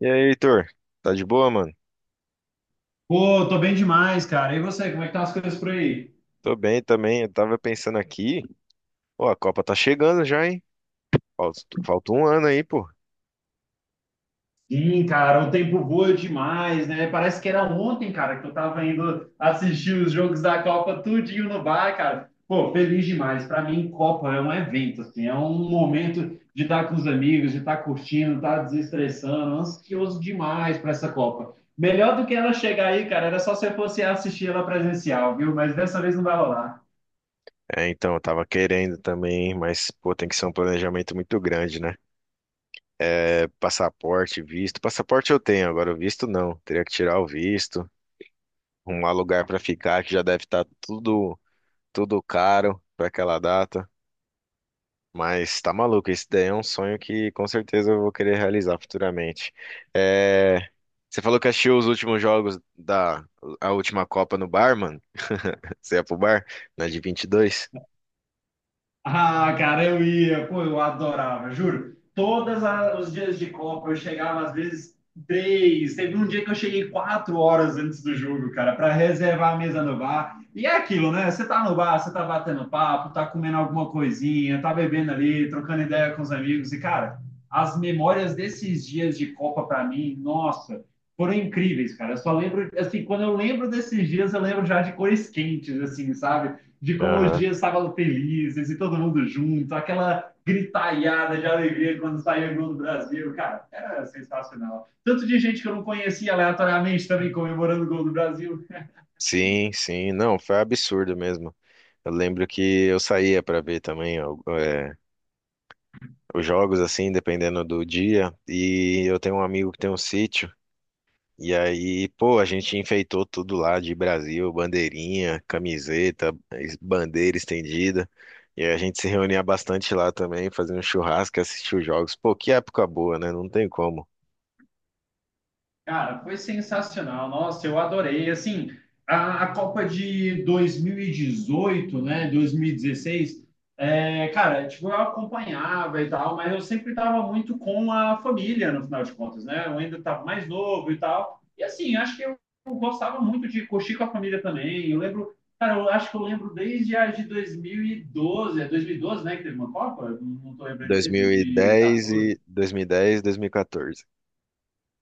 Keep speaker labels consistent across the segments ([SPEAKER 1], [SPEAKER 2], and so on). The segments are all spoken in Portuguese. [SPEAKER 1] E aí, Heitor? Tá de boa, mano?
[SPEAKER 2] Pô, tô bem demais, cara. E você, como é que tá as coisas por aí?
[SPEAKER 1] Tô bem também. Eu tava pensando aqui. Pô, a Copa tá chegando já, hein? Falta um ano aí, pô.
[SPEAKER 2] Sim, cara, o tempo voa demais, né? Parece que era ontem, cara, que eu tava indo assistir os jogos da Copa tudinho no bar, cara. Pô, feliz demais. Pra mim, Copa é um evento, assim, é um momento de estar com os amigos, de estar curtindo, estar desestressando, ansioso demais pra essa Copa. Melhor do que ela chegar aí, cara, era só se eu fosse assistir ela presencial, viu? Mas dessa vez não vai rolar.
[SPEAKER 1] É, então, eu tava querendo também, mas, pô, tem que ser um planejamento muito grande, né? É passaporte, visto. Passaporte eu tenho, agora o visto não. Teria que tirar o visto, arrumar lugar pra ficar, que já deve estar tudo caro pra aquela data. Mas tá maluco, esse daí é um sonho que com certeza eu vou querer realizar futuramente. É, você falou que assistiu os últimos jogos da a última Copa no bar, mano? Você ia pro bar? Na de 22.
[SPEAKER 2] Ah, cara, eu ia, pô, eu adorava, juro. Todos os dias de Copa eu chegava às vezes três. Teve um dia que eu cheguei 4 horas antes do jogo, cara, para reservar a mesa no bar. E é aquilo, né? Você tá no bar, você tá batendo papo, tá comendo alguma coisinha, tá bebendo ali, trocando ideia com os amigos. E, cara, as memórias desses dias de Copa para mim, nossa, foram incríveis, cara. Eu só lembro, assim, quando eu lembro desses dias, eu lembro já de cores quentes, assim, sabe? De como hoje
[SPEAKER 1] Aham.
[SPEAKER 2] é sábado felizes e todo mundo junto, aquela gritalhada de alegria quando saiu o gol do Brasil. Cara, era sensacional. Tanto de gente que eu não conhecia aleatoriamente também comemorando o gol do Brasil.
[SPEAKER 1] Sim, sim. Não, foi absurdo mesmo. Eu lembro que eu saía pra ver também ó, é, os jogos, assim, dependendo do dia. E eu tenho um amigo que tem um sítio. E aí, pô, a gente enfeitou tudo lá de Brasil, bandeirinha, camiseta, bandeira estendida. E aí a gente se reunia bastante lá também, fazendo churrasco, assistia os jogos. Pô, que época boa, né? Não tem como.
[SPEAKER 2] Cara, foi sensacional. Nossa, eu adorei. Assim, a Copa de 2018, né, 2016, é, cara, tipo, eu acompanhava e tal, mas eu sempre estava muito com a família, no final de contas, né? Eu ainda estava mais novo e tal. E assim, acho que eu gostava muito de curtir com a família também. Eu lembro, cara, eu acho que eu lembro desde a de 2012, é 2012, né, que teve uma Copa? Não, não tô lembrando direito,
[SPEAKER 1] 2010
[SPEAKER 2] 2014.
[SPEAKER 1] e 2010, 2014.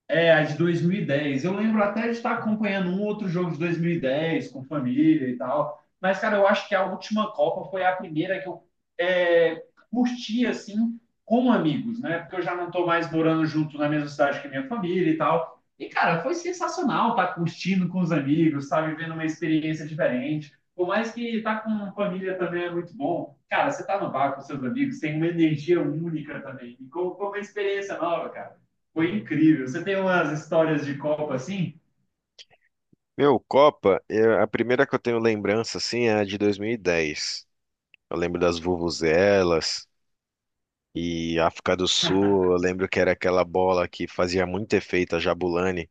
[SPEAKER 2] É, a de 2010. Eu lembro até de estar acompanhando um outro jogo de 2010 com família e tal. Mas, cara, eu acho que a última Copa foi a primeira que eu é, curti, assim, com amigos, né? Porque eu já não estou mais morando junto na mesma cidade que minha família e tal. E, cara, foi sensacional estar curtindo com os amigos, estar vivendo uma experiência diferente. Por mais que estar com família também é muito bom. Cara, você tá no bar com seus amigos, tem uma energia única também. E com como uma experiência nova, cara. Foi incrível. Você tem umas histórias de Copa assim?
[SPEAKER 1] Meu, Copa, a primeira que eu tenho lembrança assim é a de 2010. Eu lembro das vuvuzelas e África do Sul, eu lembro que era aquela bola que fazia muito efeito, a Jabulani.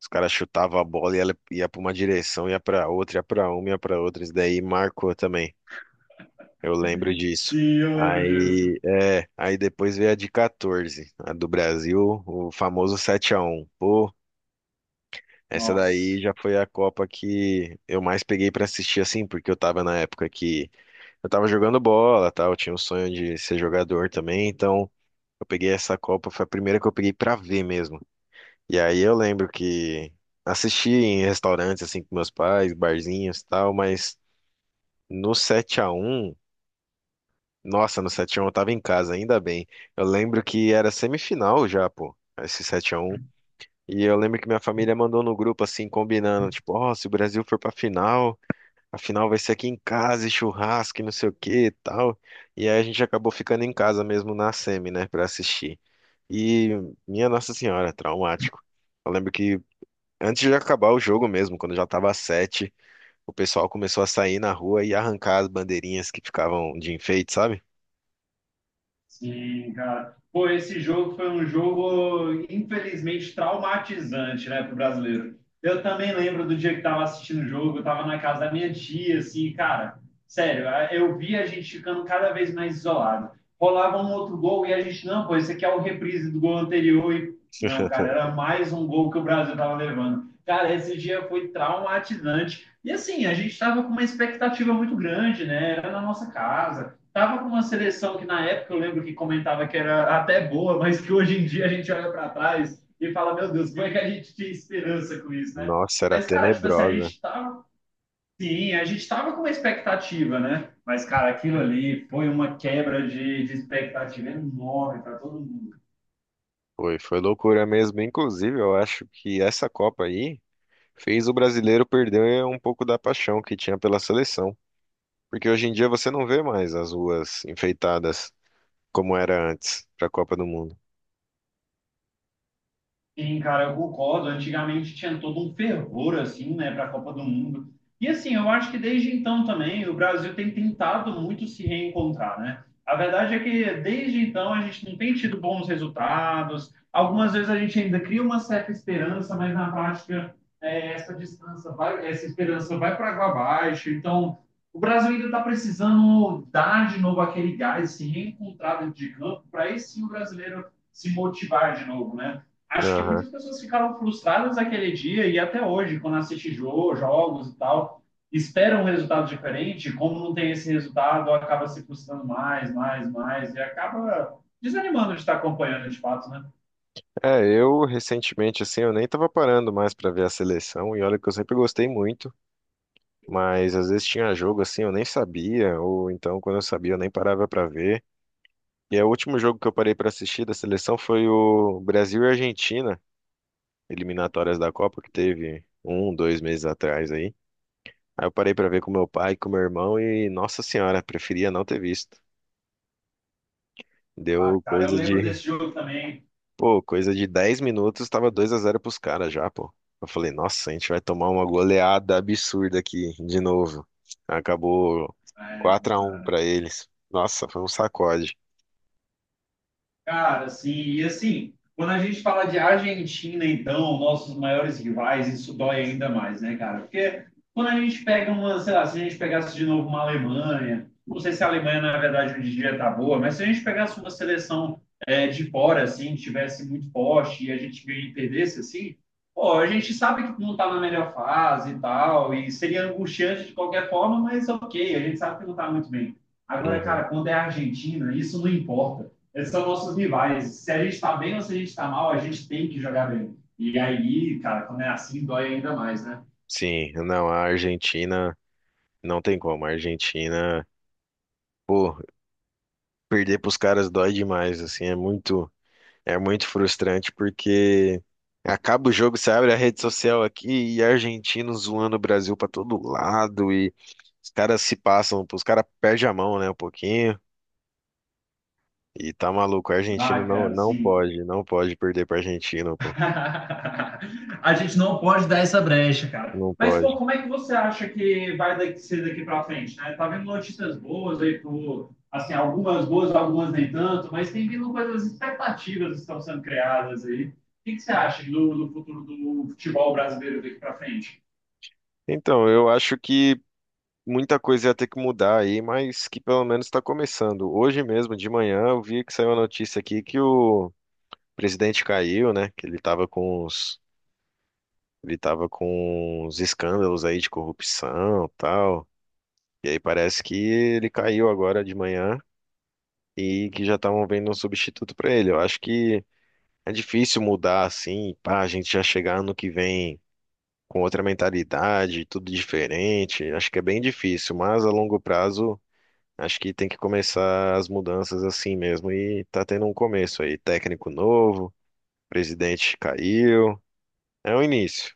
[SPEAKER 1] Os caras chutavam a bola e ela ia pra uma direção, ia pra outra, ia pra uma, ia pra outra. Isso daí marcou também. Eu lembro disso.
[SPEAKER 2] Sim, eu lembro disso.
[SPEAKER 1] Aí, é, aí depois veio a de 14, a do Brasil, o famoso 7-1. Pô, essa daí
[SPEAKER 2] Nossa.
[SPEAKER 1] já foi a Copa que eu mais peguei pra assistir assim, porque eu tava na época que eu tava jogando bola, tal, eu tinha um sonho de ser jogador também, então eu peguei essa Copa, foi a primeira que eu peguei pra ver mesmo. E aí eu lembro que assisti em restaurantes, assim, com meus pais, barzinhos e tal, mas no 7-1, nossa, no 7-1 eu tava em casa, ainda bem. Eu lembro que era semifinal já, pô, esse 7-1. E eu lembro que minha família mandou no grupo, assim, combinando, tipo, ó, se o Brasil for pra final, a final vai ser aqui em casa, e churrasco e não sei o que e tal. E aí a gente acabou ficando em casa mesmo na semi, né, pra assistir. E minha Nossa Senhora, traumático. Eu lembro que antes de acabar o jogo mesmo, quando já tava sete, o pessoal começou a sair na rua e arrancar as bandeirinhas que ficavam de enfeite, sabe?
[SPEAKER 2] Sim, cara. Pô, esse jogo foi um jogo, infelizmente, traumatizante, né, pro brasileiro. Eu também lembro do dia que tava assistindo o jogo, eu tava na casa da minha tia, assim, cara, sério, eu vi a gente ficando cada vez mais isolado. Rolava um outro gol e a gente, não, pô, esse aqui é o reprise do gol anterior e, não, cara, era mais um gol que o Brasil tava levando. Cara, esse dia foi traumatizante. E assim, a gente tava com uma expectativa muito grande, né? Era na nossa casa. Tava com uma seleção que na época eu lembro que comentava que era até boa, mas que hoje em dia a gente olha para trás e fala, meu Deus, como é que a gente tinha esperança com isso, né?
[SPEAKER 1] Nossa, era
[SPEAKER 2] Mas, cara, tipo assim, a
[SPEAKER 1] tenebrosa.
[SPEAKER 2] gente tava. Sim, a gente tava com uma expectativa, né? Mas, cara, aquilo ali foi uma quebra de expectativa enorme para todo mundo.
[SPEAKER 1] Foi loucura mesmo. Inclusive, eu acho que essa Copa aí fez o brasileiro perder um pouco da paixão que tinha pela seleção. Porque hoje em dia você não vê mais as ruas enfeitadas como era antes para a Copa do Mundo.
[SPEAKER 2] Sim, cara, eu concordo. Antigamente tinha todo um fervor, assim, né, para a Copa do Mundo. E, assim, eu acho que desde então também o Brasil tem tentado muito se reencontrar, né? A verdade é que desde então a gente não tem tido bons resultados. Algumas vezes a gente ainda cria uma certa esperança, mas na prática é, essa distância vai, essa esperança vai para água abaixo. Então, o Brasil ainda está precisando dar de novo aquele gás, se reencontrar dentro de campo, para esse sim o brasileiro se motivar de novo, né? Acho que
[SPEAKER 1] Aham.
[SPEAKER 2] muitas pessoas ficaram frustradas naquele dia e até hoje, quando assiste jogo, jogos e tal, esperam um resultado diferente. Como não tem esse resultado, acaba se frustrando mais, mais, mais e acaba desanimando de estar acompanhando de fato, né?
[SPEAKER 1] É, eu recentemente, assim, eu nem tava parando mais para ver a seleção. E olha que eu sempre gostei muito. Mas às vezes tinha jogo assim, eu nem sabia, ou então quando eu sabia, eu nem parava pra ver. E aí, o último jogo que eu parei pra assistir da seleção foi o Brasil e Argentina, eliminatórias da Copa, que teve um, 2 meses atrás aí. Aí eu parei pra ver com meu pai, com meu irmão e, nossa senhora, preferia não ter visto.
[SPEAKER 2] Ah,
[SPEAKER 1] Deu
[SPEAKER 2] cara, eu
[SPEAKER 1] coisa
[SPEAKER 2] lembro
[SPEAKER 1] de.
[SPEAKER 2] desse jogo também.
[SPEAKER 1] Pô, coisa de 10 minutos, tava dois a 0 pros caras já, pô. Eu falei, nossa, a gente vai tomar uma goleada absurda aqui de novo. Acabou 4-1 pra eles. Nossa, foi um sacode.
[SPEAKER 2] Cara, assim, e assim, quando a gente fala de Argentina, então, nossos maiores rivais, isso dói ainda mais, né, cara? Porque quando a gente pega uma, sei lá, se a gente pegasse de novo uma Alemanha, não sei se a Alemanha, na verdade, hoje em dia tá boa, mas se a gente pegasse uma seleção é de fora, assim, tivesse muito forte e a gente ganha e perdesse, assim, pô, a gente sabe que não tá na melhor fase e tal, e seria angustiante de qualquer forma, mas ok, a gente sabe que não tá muito bem. Agora,
[SPEAKER 1] Uhum.
[SPEAKER 2] cara, quando é a Argentina, isso não importa. Esses são nossos rivais. Se a gente tá bem ou se a gente tá mal, a gente tem que jogar bem. E aí, cara, quando é assim, dói ainda mais, né?
[SPEAKER 1] Sim, não, a Argentina não tem como. A Argentina, pô, perder pros caras dói demais, assim, é muito. É muito frustrante porque acaba o jogo, você abre a rede social aqui e argentino zoando o Brasil pra todo lado e os caras se passam, os caras perdem a mão, né, um pouquinho. E tá maluco, argentino
[SPEAKER 2] Ah,
[SPEAKER 1] não,
[SPEAKER 2] cara,
[SPEAKER 1] não
[SPEAKER 2] assim,
[SPEAKER 1] pode, não pode perder pra Argentina, pô.
[SPEAKER 2] a gente não pode dar essa brecha, cara.
[SPEAKER 1] Não
[SPEAKER 2] Mas, pô,
[SPEAKER 1] pode.
[SPEAKER 2] como é que você acha que vai ser daqui para frente, né? Tá vendo notícias boas aí pro, assim, algumas boas, algumas nem tanto, mas tem vindo coisas expectativas que estão sendo criadas aí. O que que você acha do futuro do futebol brasileiro daqui para frente?
[SPEAKER 1] Então, eu acho que muita coisa ia ter que mudar aí, mas que pelo menos tá começando. Hoje mesmo, de manhã, eu vi que saiu a notícia aqui que o presidente caiu, né? Que ele tava com uns. Ele tava com uns escândalos aí de corrupção, tal. E aí parece que ele caiu agora de manhã e que já estavam vendo um substituto pra ele. Eu acho que é difícil mudar assim, pá, a gente já chegar ano que vem com outra mentalidade, tudo diferente. Acho que é bem difícil, mas a longo prazo acho que tem que começar as mudanças assim mesmo e tá tendo um começo aí, técnico novo, presidente caiu, é o início.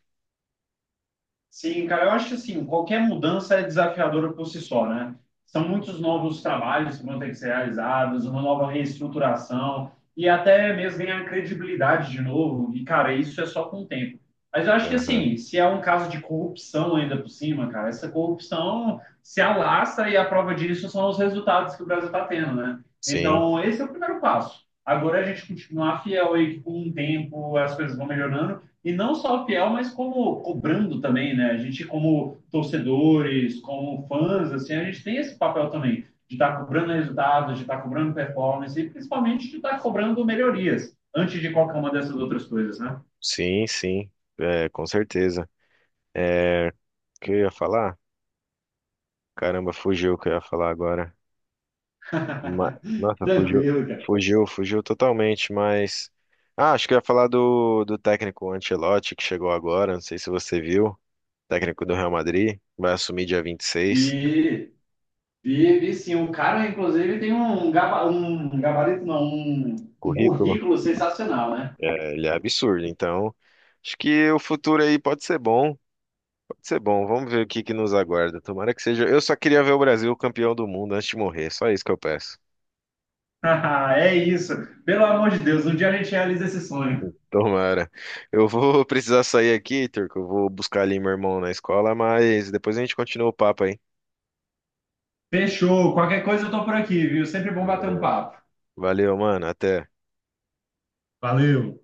[SPEAKER 2] Sim, cara, eu acho que assim, qualquer mudança é desafiadora por si só, né? São muitos novos trabalhos que vão ter que ser realizados, uma nova reestruturação e até mesmo ganhar credibilidade de novo. E, cara, isso é só com o tempo. Mas eu acho que
[SPEAKER 1] Aham,
[SPEAKER 2] assim, se é um caso de corrupção ainda por cima, cara, essa corrupção se alastra e a prova disso são os resultados que o Brasil está tendo, né?
[SPEAKER 1] sim.
[SPEAKER 2] Então, esse é o primeiro passo. Agora é a gente continuar fiel aí que com o tempo as coisas vão melhorando e não só fiel, mas como cobrando também, né? A gente, como torcedores, como fãs, assim, a gente tem esse papel também de estar cobrando resultados, de estar cobrando performance e principalmente de estar cobrando melhorias antes de qualquer uma dessas outras coisas, né?
[SPEAKER 1] Sim, sim, é, com certeza. É, o que eu ia falar? Caramba, fugiu o que eu ia falar agora. Ma- Nossa, fugiu,
[SPEAKER 2] Tranquilo, cara.
[SPEAKER 1] fugiu, fugiu totalmente, mas. Ah, acho que eu ia falar do técnico Ancelotti, que chegou agora, não sei se você viu, técnico do Real Madrid, vai assumir dia 26,
[SPEAKER 2] E, e sim, o cara, inclusive, tem um gabarito, não, um
[SPEAKER 1] currículo.
[SPEAKER 2] currículo sensacional, né?
[SPEAKER 1] É, ele é absurdo, então acho que o futuro aí pode ser bom, vamos ver o que que nos aguarda, tomara que seja. Eu só queria ver o Brasil campeão do mundo antes de morrer, só isso que eu peço.
[SPEAKER 2] É isso. Pelo amor de Deus, um dia a gente realiza esse sonho.
[SPEAKER 1] Tomara. Eu vou precisar sair aqui, Turco. Eu vou buscar ali meu irmão na escola, mas depois a gente continua o papo aí.
[SPEAKER 2] Fechou. Qualquer coisa eu tô por aqui, viu? Sempre bom bater um
[SPEAKER 1] Beleza.
[SPEAKER 2] papo.
[SPEAKER 1] Valeu, mano. Até.
[SPEAKER 2] Valeu!